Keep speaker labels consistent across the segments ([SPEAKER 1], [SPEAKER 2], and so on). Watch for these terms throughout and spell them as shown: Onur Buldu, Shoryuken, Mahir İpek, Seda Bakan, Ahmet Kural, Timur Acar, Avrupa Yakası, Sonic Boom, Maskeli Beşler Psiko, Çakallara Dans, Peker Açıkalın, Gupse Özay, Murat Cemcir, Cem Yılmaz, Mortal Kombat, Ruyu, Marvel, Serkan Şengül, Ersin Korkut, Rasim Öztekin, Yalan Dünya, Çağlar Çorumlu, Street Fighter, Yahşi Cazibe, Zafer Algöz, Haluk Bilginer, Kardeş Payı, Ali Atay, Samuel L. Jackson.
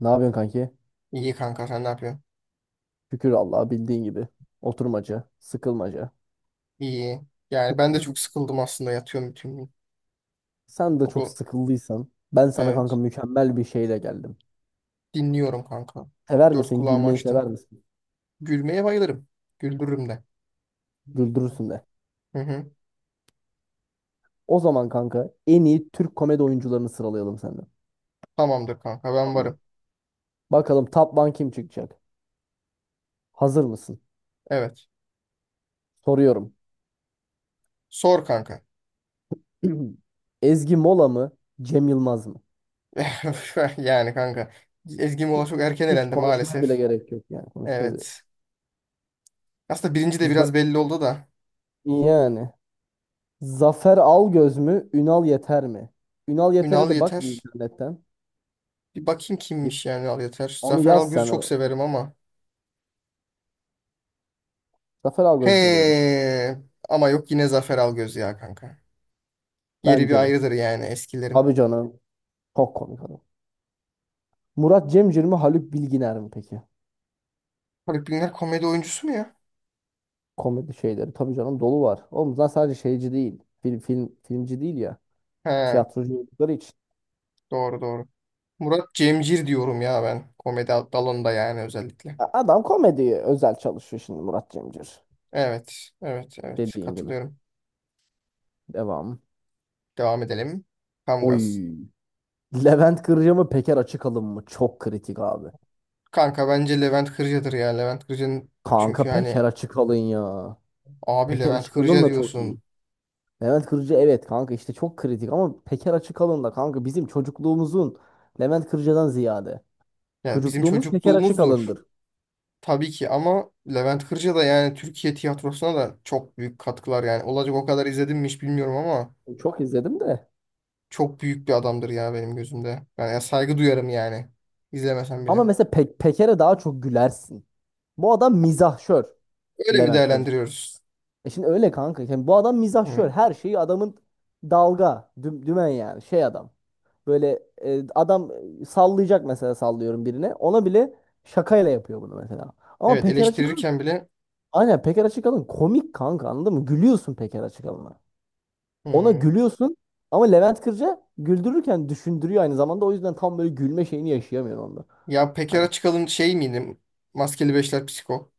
[SPEAKER 1] Ne yapıyorsun kanki?
[SPEAKER 2] İyi kanka, sen ne yapıyorsun?
[SPEAKER 1] Şükür Allah'a bildiğin gibi. Oturmaca, sıkılmaca.
[SPEAKER 2] İyi. Yani ben de çok sıkıldım aslında, yatıyorum bütün gün.
[SPEAKER 1] Sen de çok
[SPEAKER 2] Okul.
[SPEAKER 1] sıkıldıysan ben sana kanka
[SPEAKER 2] Evet.
[SPEAKER 1] mükemmel bir şeyle geldim.
[SPEAKER 2] Dinliyorum kanka.
[SPEAKER 1] Sever
[SPEAKER 2] Dört
[SPEAKER 1] misin?
[SPEAKER 2] kulağımı
[SPEAKER 1] Gülmeyi sever
[SPEAKER 2] açtım.
[SPEAKER 1] misin?
[SPEAKER 2] Gülmeye bayılırım. Güldürürüm de.
[SPEAKER 1] Güldürürsün de.
[SPEAKER 2] Hı hı.
[SPEAKER 1] O zaman kanka en iyi Türk komedi oyuncularını sıralayalım senden.
[SPEAKER 2] Tamamdır kanka, ben
[SPEAKER 1] Tamam mı?
[SPEAKER 2] varım.
[SPEAKER 1] Bakalım top one kim çıkacak? Hazır mısın?
[SPEAKER 2] Evet.
[SPEAKER 1] Soruyorum.
[SPEAKER 2] Sor kanka.
[SPEAKER 1] Ezgi Mola mı? Cem Yılmaz mı?
[SPEAKER 2] Yani kanka. Ezgi
[SPEAKER 1] Ge-
[SPEAKER 2] Mola çok erken
[SPEAKER 1] Hiç
[SPEAKER 2] elendi
[SPEAKER 1] konuşmaya bile
[SPEAKER 2] maalesef.
[SPEAKER 1] gerek yok yani. Konuşmaya bile.
[SPEAKER 2] Evet. Aslında birinci de
[SPEAKER 1] Z-
[SPEAKER 2] biraz belli oldu da.
[SPEAKER 1] Yani. Zafer Algöz mü? Ünal Yeter mi? Ünal Yeter'e
[SPEAKER 2] Ünal
[SPEAKER 1] de bak bir
[SPEAKER 2] Yeter.
[SPEAKER 1] internetten.
[SPEAKER 2] Bir bakayım
[SPEAKER 1] Ye-
[SPEAKER 2] kimmiş yani Ünal Yeter.
[SPEAKER 1] Onu
[SPEAKER 2] Zafer
[SPEAKER 1] yaz
[SPEAKER 2] Algöz'ü
[SPEAKER 1] sen.
[SPEAKER 2] çok severim ama.
[SPEAKER 1] Zafer Algöz'dür benim için.
[SPEAKER 2] He. Ama yok, yine Zafer Algöz ya kanka. Yeri bir
[SPEAKER 1] Bence de.
[SPEAKER 2] ayrıdır yani eskilerin.
[SPEAKER 1] Tabii canım. Çok komik adam. Murat Cemcir mi? Haluk Bilginer mi peki?
[SPEAKER 2] Haluk Bilginer komedi oyuncusu mu ya?
[SPEAKER 1] Komedi şeyleri. Tabii canım dolu var. Oğlum zaten sadece şeyci değil. Filmci değil ya.
[SPEAKER 2] He,
[SPEAKER 1] Tiyatrocu oldukları için.
[SPEAKER 2] doğru doğru. Murat Cemcir diyorum ya ben. Komedi dalında yani özellikle.
[SPEAKER 1] Adam komediye özel çalışıyor şimdi Murat Cemcir.
[SPEAKER 2] Evet, evet, evet.
[SPEAKER 1] Dediğin gibi.
[SPEAKER 2] Katılıyorum.
[SPEAKER 1] Devam.
[SPEAKER 2] Devam edelim. Kamgaz.
[SPEAKER 1] Oy. Levent Kırca mı? Peker Açıkalın mı? Çok kritik abi.
[SPEAKER 2] Kanka bence Levent Kırca'dır ya. Levent Kırca'nın çünkü
[SPEAKER 1] Kanka Peker
[SPEAKER 2] hani
[SPEAKER 1] Açıkalın ya.
[SPEAKER 2] abi
[SPEAKER 1] Peker
[SPEAKER 2] Levent
[SPEAKER 1] Açıkalın
[SPEAKER 2] Kırca
[SPEAKER 1] da çok iyi.
[SPEAKER 2] diyorsun.
[SPEAKER 1] Levent Kırcı evet kanka işte çok kritik ama Peker Açıkalın da kanka bizim çocukluğumuzun Levent Kırcıdan ziyade.
[SPEAKER 2] Ya bizim
[SPEAKER 1] Çocukluğumuz Peker
[SPEAKER 2] çocukluğumuzdur.
[SPEAKER 1] Açıkalın'dır.
[SPEAKER 2] Tabii ki, ama Levent Kırca da yani Türkiye tiyatrosuna da çok büyük katkılar yani. Olacak o kadar izledim mi hiç bilmiyorum ama
[SPEAKER 1] Çok izledim de.
[SPEAKER 2] çok büyük bir adamdır ya benim gözümde. Ben ya saygı duyarım yani. İzlemesem
[SPEAKER 1] Ama
[SPEAKER 2] bile.
[SPEAKER 1] mesela Peker'e daha çok gülersin. Bu adam mizahşör
[SPEAKER 2] Öyle mi
[SPEAKER 1] Levent Kırcı.
[SPEAKER 2] değerlendiriyoruz?
[SPEAKER 1] E şimdi öyle kanka. Yani bu adam mizahşör.
[SPEAKER 2] Hmm.
[SPEAKER 1] Her şeyi adamın dalga, dümen yani şey adam. Böyle adam sallayacak mesela sallıyorum birine. Ona bile şakayla yapıyor bunu mesela. Ama
[SPEAKER 2] Evet,
[SPEAKER 1] Peker açık.
[SPEAKER 2] eleştirirken bile.
[SPEAKER 1] Aynen Peker Açıkalın komik kanka anladın mı? Gülüyorsun Peker Açıkalın'a. Ona
[SPEAKER 2] Hmm.
[SPEAKER 1] gülüyorsun ama Levent Kırca güldürürken düşündürüyor aynı zamanda. O yüzden tam böyle gülme şeyini yaşayamıyorsun onda.
[SPEAKER 2] Ya Pekara
[SPEAKER 1] Hani
[SPEAKER 2] çıkalım şey miydi? Maskeli Beşler Psiko.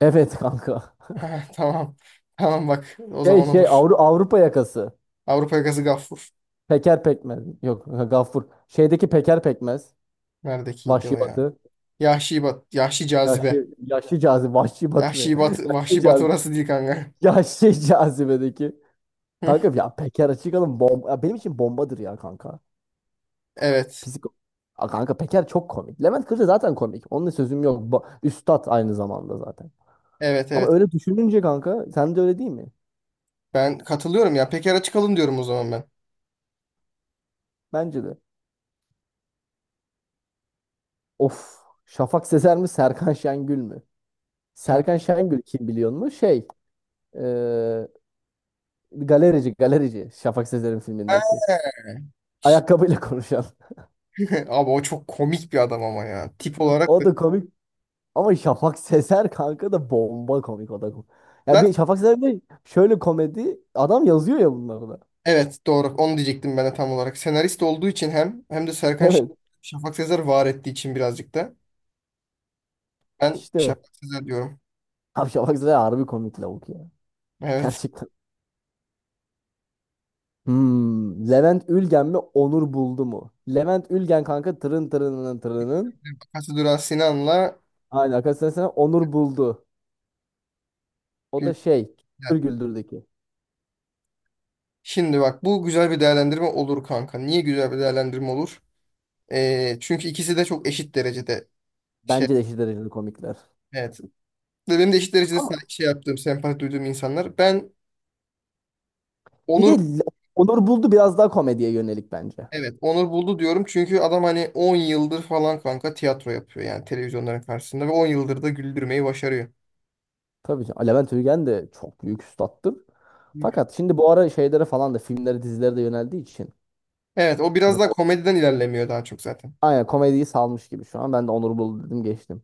[SPEAKER 1] evet kanka.
[SPEAKER 2] Ha, tamam. Tamam bak, o
[SPEAKER 1] Şey
[SPEAKER 2] zaman
[SPEAKER 1] şey
[SPEAKER 2] olur.
[SPEAKER 1] Avrupa yakası.
[SPEAKER 2] Avrupa Yakası Gaffur.
[SPEAKER 1] Peker Pekmez. Yok Gaffur. Şeydeki Peker Pekmez.
[SPEAKER 2] Neredekiydi o
[SPEAKER 1] Vahşi
[SPEAKER 2] ya?
[SPEAKER 1] Batı.
[SPEAKER 2] Yahşi Bat, Yahşi Cazibe.
[SPEAKER 1] Yaşlı cazibe. Vahşi Batı ne?
[SPEAKER 2] Yahşi Bat,
[SPEAKER 1] Yaşlı
[SPEAKER 2] Vahşi Batı
[SPEAKER 1] cazibe.
[SPEAKER 2] orası değil kanka.
[SPEAKER 1] Yaşlı cazibedeki. Kanka ya Peker Açıkalın bomba. Ya benim için bombadır ya kanka.
[SPEAKER 2] Evet.
[SPEAKER 1] Psik. Kanka Peker çok komik. Levent Kırca zaten komik. Onunla sözüm yok. Üstad aynı zamanda zaten.
[SPEAKER 2] Evet,
[SPEAKER 1] Ama
[SPEAKER 2] evet.
[SPEAKER 1] öyle düşününce kanka sen de öyle değil mi?
[SPEAKER 2] Ben katılıyorum ya. Pekara çıkalım diyorum o zaman ben.
[SPEAKER 1] Bence de. Of. Şafak Sezer mi Serkan Şengül mü? Serkan Şengül kim biliyor mu? Şey eee, galerici galerici Şafak Sezer'in filmindeki.
[SPEAKER 2] Ha.
[SPEAKER 1] Ayakkabıyla konuşan.
[SPEAKER 2] Abi o çok komik bir adam ama ya. Tip olarak da.
[SPEAKER 1] O da komik. Ama Şafak Sezer kanka da bomba komik o da. Ya
[SPEAKER 2] Zaten
[SPEAKER 1] bir Şafak Sezer de şöyle komedi adam yazıyor ya bunları da.
[SPEAKER 2] evet, doğru. Onu diyecektim ben de tam olarak. Senarist olduğu için hem de
[SPEAKER 1] Evet
[SPEAKER 2] Şafak Sezer var ettiği için birazcık da. Ben
[SPEAKER 1] işte.
[SPEAKER 2] Şafak Sezer diyorum.
[SPEAKER 1] Abi Şafak Sezer harbi komik lavuk ya.
[SPEAKER 2] Evet.
[SPEAKER 1] Gerçekten. Levent Ülgen mi Onur Buldu mu? Levent Ülgen kanka tırın tırının tırının.
[SPEAKER 2] Bakası Duran Sinan'la
[SPEAKER 1] Aynen arkadaşlar sana Onur Buldu. O da şey
[SPEAKER 2] Gülden.
[SPEAKER 1] Güldür Güldür'deki.
[SPEAKER 2] Şimdi bak, bu güzel bir değerlendirme olur kanka. Niye güzel bir değerlendirme olur? Çünkü ikisi de çok eşit derecede şey.
[SPEAKER 1] Bence de eşit dereceli komikler.
[SPEAKER 2] Evet. Ve benim de eşit derecede
[SPEAKER 1] Ama
[SPEAKER 2] şey yaptığım, sempati duyduğum insanlar. Ben
[SPEAKER 1] bir de
[SPEAKER 2] Onur
[SPEAKER 1] Le- Onur Buldu biraz daha komediye yönelik bence.
[SPEAKER 2] Evet, Onur Buldu diyorum çünkü adam hani 10 yıldır falan kanka tiyatro yapıyor yani, televizyonların karşısında, ve 10 yıldır da güldürmeyi başarıyor.
[SPEAKER 1] Tabii ki Levent Ülgen de çok büyük üstattır. Fakat şimdi bu ara şeylere falan da filmlere dizilere de yöneldiği için.
[SPEAKER 2] Evet, o biraz
[SPEAKER 1] Hani
[SPEAKER 2] daha komediden ilerlemiyor daha çok zaten.
[SPEAKER 1] aynen komediyi salmış gibi şu an. Ben de Onur Buldu dedim geçtim.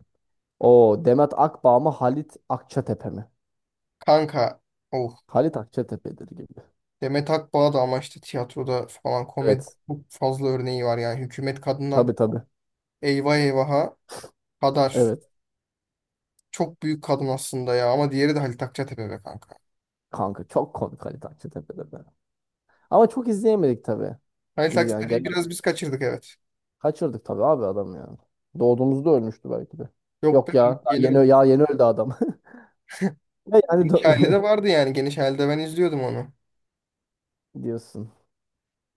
[SPEAKER 1] O Demet Akbağ mı Halit Akçatepe mi?
[SPEAKER 2] Kanka, oh,
[SPEAKER 1] Halit Akçatepe'dir gibi.
[SPEAKER 2] Demet Akbağ da ama işte tiyatroda falan komedi
[SPEAKER 1] Evet.
[SPEAKER 2] çok fazla örneği var yani, hükümet kadından
[SPEAKER 1] Tabii tabii.
[SPEAKER 2] eyvah eyvaha kadar
[SPEAKER 1] Evet.
[SPEAKER 2] çok büyük kadın aslında ya, ama diğeri de Halit Akçatepe be kanka.
[SPEAKER 1] Kanka çok komik Halit Akçatepe'dir. Be. Ama çok izleyemedik tabii.
[SPEAKER 2] Halit
[SPEAKER 1] Biz yani
[SPEAKER 2] Akçatepe'yi
[SPEAKER 1] gene
[SPEAKER 2] biraz biz kaçırdık, evet.
[SPEAKER 1] kaçırdık tabii abi adam yani. Doğduğumuzda ölmüştü belki de.
[SPEAKER 2] Yok be,
[SPEAKER 1] Yok ya. Daha
[SPEAKER 2] yeni
[SPEAKER 1] yeni, ya yeni öldü adam. Ve yani
[SPEAKER 2] geniş aile de vardı yani, geniş ailede ben izliyordum onu.
[SPEAKER 1] diyorsun.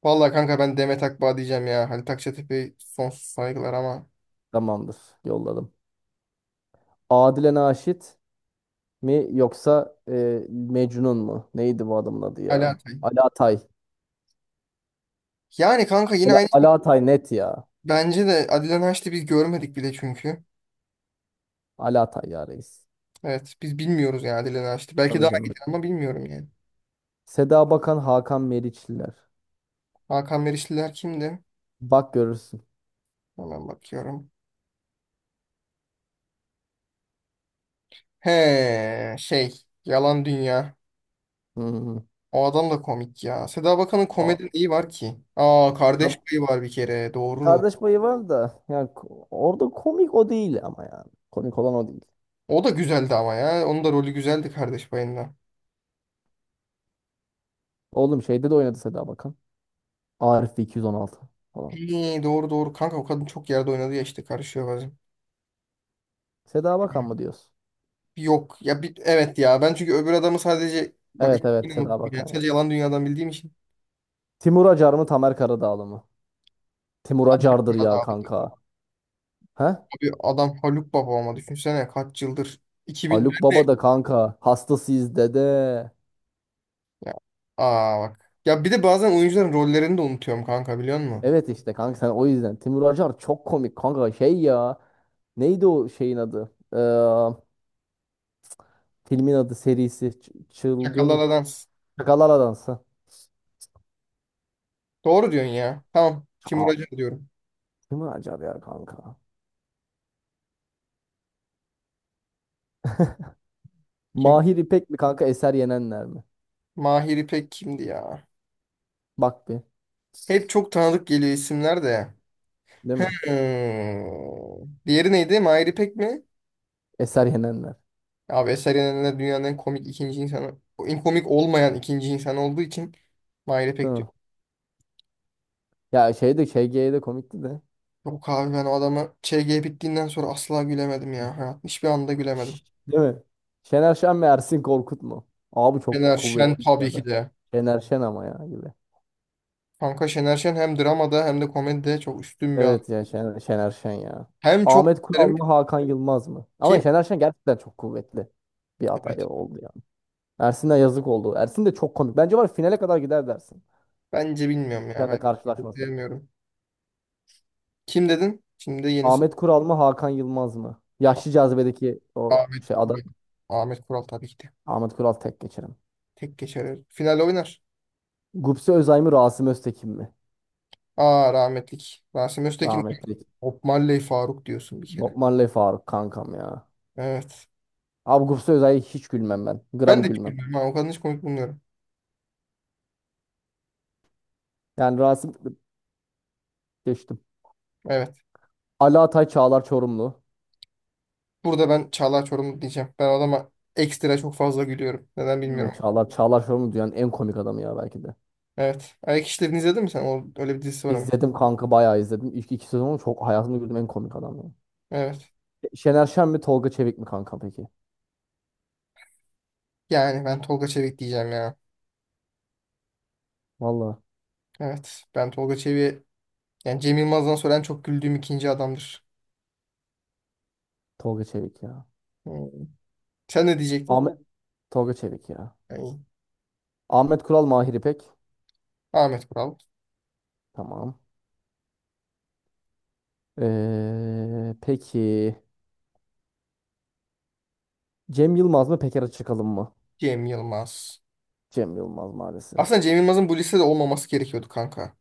[SPEAKER 2] Vallahi kanka, ben Demet Akbağ diyeceğim ya. Halit Akçatepe sonsuz saygılar ama
[SPEAKER 1] Tamamdır. Yolladım. Adile Naşit mi yoksa Mecnun mu? Neydi bu adamın adı
[SPEAKER 2] Ali
[SPEAKER 1] ya?
[SPEAKER 2] Atay.
[SPEAKER 1] Alatay.
[SPEAKER 2] Yani kanka yine
[SPEAKER 1] Ala,
[SPEAKER 2] aynı.
[SPEAKER 1] Alatay net ya.
[SPEAKER 2] Bence de Adile Naşit'i biz görmedik bile çünkü.
[SPEAKER 1] Alatay ya reis.
[SPEAKER 2] Evet, biz bilmiyoruz yani Adile Naşit'i. Belki
[SPEAKER 1] Tabii
[SPEAKER 2] daha iyi
[SPEAKER 1] canım.
[SPEAKER 2] ama bilmiyorum yani.
[SPEAKER 1] Seda Bakan, Hakan Meriçliler.
[SPEAKER 2] Hakan Merişliler kimdi?
[SPEAKER 1] Bak görürsün.
[SPEAKER 2] Hemen bakıyorum. He şey, Yalan Dünya.
[SPEAKER 1] Hı hı.
[SPEAKER 2] O adam da komik ya. Seda Bakan'ın komedi
[SPEAKER 1] O-
[SPEAKER 2] neyi var ki? Aa,
[SPEAKER 1] Ka-
[SPEAKER 2] Kardeş Payı var bir kere, doğru.
[SPEAKER 1] kardeş payı var da yani orada komik o değil ama yani. Komik olan o değil.
[SPEAKER 2] O da güzeldi ama ya. Onun da rolü güzeldi Kardeş Payı'nda.
[SPEAKER 1] Oğlum şeyde de oynadı Seda Bakan. Arif 216 falan.
[SPEAKER 2] İyi, doğru doğru kanka, o kadın çok yerde oynadı ya, işte karışıyor bazen.
[SPEAKER 1] Seda Bakan mı diyorsun?
[SPEAKER 2] Yok ya bir, evet ya, ben çünkü öbür adamı sadece bak,
[SPEAKER 1] Evet
[SPEAKER 2] yine
[SPEAKER 1] evet
[SPEAKER 2] unuttum
[SPEAKER 1] Seda
[SPEAKER 2] ya,
[SPEAKER 1] Bakan.
[SPEAKER 2] sadece
[SPEAKER 1] Ya.
[SPEAKER 2] Yalan Dünya'dan bildiğim için.
[SPEAKER 1] Timur Acar mı Tamer Karadağlı mı? Timur Acar'dır
[SPEAKER 2] Ya
[SPEAKER 1] ya
[SPEAKER 2] da abi,
[SPEAKER 1] kanka. He?
[SPEAKER 2] adam Haluk Baba ama düşünsene kaç yıldır.
[SPEAKER 1] Haluk
[SPEAKER 2] 2004'te
[SPEAKER 1] Baba da kanka. Hastasıyız dede.
[SPEAKER 2] ya. Aa bak. Ya bir de bazen oyuncuların rollerini de unutuyorum kanka, biliyor musun?
[SPEAKER 1] Evet işte kanka sen o yüzden. Timur Acar çok komik kanka şey ya. Neydi o şeyin adı? Filmin adı serisi. Çılgın
[SPEAKER 2] Çakallara Dans.
[SPEAKER 1] Şakalar Adansı.
[SPEAKER 2] Doğru diyorsun ya. Tamam. Timur
[SPEAKER 1] Aa,
[SPEAKER 2] Acar diyorum.
[SPEAKER 1] Timur Acar ya kanka.
[SPEAKER 2] Kim?
[SPEAKER 1] Mahir İpek mi kanka Eser Yenenler mi?
[SPEAKER 2] Mahir İpek kimdi ya?
[SPEAKER 1] Bak bir.
[SPEAKER 2] Hep çok tanıdık geliyor isimler de.
[SPEAKER 1] Değil mi?
[SPEAKER 2] Hmm. Diğeri neydi? Mahir İpek mi?
[SPEAKER 1] Eser Yenenler.
[SPEAKER 2] Abi Eser'in de dünyanın en komik ikinci insanı, en komik olmayan ikinci insan olduğu için Mahir'e
[SPEAKER 1] Değil
[SPEAKER 2] pek
[SPEAKER 1] mi?
[SPEAKER 2] diyor.
[SPEAKER 1] Ya şey de ŞG'ye de komikti de.
[SPEAKER 2] Yok abi, ben o adamı ÇG bittiğinden sonra asla gülemedim ya. Hayatın hiçbir anda gülemedim.
[SPEAKER 1] Şş, değil mi? Şener Şen mi Ersin Korkut mu? Abi çok
[SPEAKER 2] Şener Şen
[SPEAKER 1] kuvvetli
[SPEAKER 2] tabii
[SPEAKER 1] ya
[SPEAKER 2] ki
[SPEAKER 1] da.
[SPEAKER 2] de.
[SPEAKER 1] Şener Şen ama ya gibi.
[SPEAKER 2] Kanka Şener Şen hem dramada hem de komedide çok üstün bir adam.
[SPEAKER 1] Evet ya Şener Şen ya.
[SPEAKER 2] Hem çok
[SPEAKER 1] Ahmet Kural
[SPEAKER 2] derim
[SPEAKER 1] mı Hakan Yılmaz mı? Ama
[SPEAKER 2] ki,
[SPEAKER 1] Şener Şen gerçekten çok kuvvetli bir
[SPEAKER 2] evet.
[SPEAKER 1] aday oldu yani. Ersin'e yazık oldu. Ersin de çok komik. Bence var ya, finale kadar gider dersin.
[SPEAKER 2] Bence bilmiyorum ya, ben
[SPEAKER 1] Şen'le karşılaşmasın.
[SPEAKER 2] bilmiyorum. Kim dedin? Şimdi yenisi.
[SPEAKER 1] Ahmet Kural mı Hakan Yılmaz mı? Yaşlı cazibedeki o
[SPEAKER 2] Ahmet
[SPEAKER 1] şey aday.
[SPEAKER 2] Kural. Ahmet Kural tabii ki de.
[SPEAKER 1] Ahmet Kural tek geçerim.
[SPEAKER 2] Tek geçer. Final oynar.
[SPEAKER 1] Gupse Özay mı Rasim Öztekin mi?
[SPEAKER 2] Aa, rahmetlik. Rasim Öztekin.
[SPEAKER 1] Rahmetli.
[SPEAKER 2] Bob Marley Faruk diyorsun bir kere.
[SPEAKER 1] Bob Marley Faruk kankam ya.
[SPEAKER 2] Evet.
[SPEAKER 1] Abi Gupse Özay'a hiç gülmem ben.
[SPEAKER 2] Ben
[SPEAKER 1] Gram
[SPEAKER 2] de hiç
[SPEAKER 1] gülmem.
[SPEAKER 2] gülmüyorum. Ha, o kadını hiç komik bulmuyorum.
[SPEAKER 1] Yani Rasim geçtim.
[SPEAKER 2] Evet.
[SPEAKER 1] Ali Atay Çağlar Çorumlu.
[SPEAKER 2] Burada ben Çağlar Çorumlu diyeceğim. Ben adama ekstra çok fazla gülüyorum. Neden bilmiyorum.
[SPEAKER 1] Evet, Çağlar Şorumlu dünyanın en komik adamı ya belki de.
[SPEAKER 2] Evet. Ayak İşleri'ni izledin mi sen? O, öyle bir dizisi var ama.
[SPEAKER 1] İzledim kanka bayağı izledim. İlk iki sezonu çok hayatımda gördüğüm en komik adam ya.
[SPEAKER 2] Evet.
[SPEAKER 1] Şener Şen mi Tolga Çevik mi kanka peki?
[SPEAKER 2] Yani ben Tolga Çevik diyeceğim ya.
[SPEAKER 1] Valla
[SPEAKER 2] Evet. Ben Tolga Çevik'e yani Cem Yılmaz'dan sonra en çok güldüğüm ikinci adamdır.
[SPEAKER 1] Tolga Çevik ya.
[SPEAKER 2] Hmm. Sen ne diyecektin?
[SPEAKER 1] Ahmet Tolga Çevik ya.
[SPEAKER 2] Yani
[SPEAKER 1] Ahmet Kural Mahir İpek.
[SPEAKER 2] Ahmet Kural.
[SPEAKER 1] Tamam. Peki Cem Yılmaz mı Peker Açıkalın mı?
[SPEAKER 2] Cem Yılmaz.
[SPEAKER 1] Cem Yılmaz maalesef.
[SPEAKER 2] Aslında Cem Yılmaz'ın bu listede olmaması gerekiyordu kanka.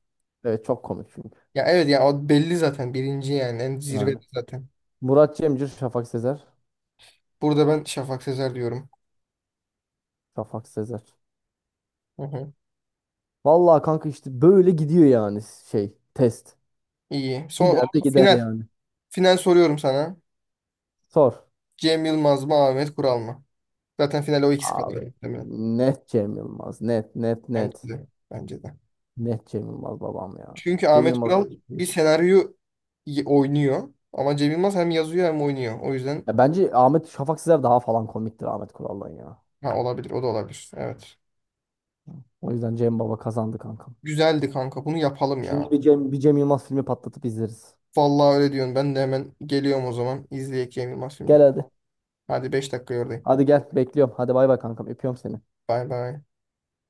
[SPEAKER 1] Evet çok komik çünkü.
[SPEAKER 2] Ya evet ya, o belli zaten birinci, yani en
[SPEAKER 1] Yani.
[SPEAKER 2] zirvede zaten.
[SPEAKER 1] Murat Cemcir, Şafak Sezer.
[SPEAKER 2] Burada ben Şafak Sezer diyorum.
[SPEAKER 1] Şafak Sezer.
[SPEAKER 2] Hı hı.
[SPEAKER 1] Valla kanka işte böyle gidiyor yani şey test.
[SPEAKER 2] İyi.
[SPEAKER 1] Gider de gider
[SPEAKER 2] Final.
[SPEAKER 1] yani.
[SPEAKER 2] Final soruyorum sana.
[SPEAKER 1] Sor.
[SPEAKER 2] Cem Yılmaz mı, Ahmet Kural mı? Zaten finale o ikisi kalıyor
[SPEAKER 1] Abi
[SPEAKER 2] muhtemelen.
[SPEAKER 1] net Cem Yılmaz. Net net
[SPEAKER 2] Bence
[SPEAKER 1] net.
[SPEAKER 2] de. Bence de.
[SPEAKER 1] Net Cem Yılmaz babam ya.
[SPEAKER 2] Çünkü
[SPEAKER 1] Cem
[SPEAKER 2] Ahmet
[SPEAKER 1] Yılmaz.
[SPEAKER 2] Kural bir oynuyor. Ama Cem Yılmaz hem yazıyor hem oynuyor. O yüzden
[SPEAKER 1] Ya bence Şafak Sezer daha falan komiktir Ahmet Kural'dan ya.
[SPEAKER 2] ha, olabilir. O da olabilir. Evet.
[SPEAKER 1] O yüzden Cem Baba kazandı kankam.
[SPEAKER 2] Güzeldi kanka. Bunu yapalım
[SPEAKER 1] Şimdi
[SPEAKER 2] ya.
[SPEAKER 1] bir Cem Yılmaz filmi patlatıp izleriz.
[SPEAKER 2] Vallahi öyle diyorsun. Ben de hemen geliyorum o zaman. İzleyek Cem Yılmaz filmini.
[SPEAKER 1] Gel hadi.
[SPEAKER 2] Hadi 5 dakika oradayım.
[SPEAKER 1] Hadi gel bekliyorum. Hadi bay bay kankam öpüyorum seni.
[SPEAKER 2] Bay bay.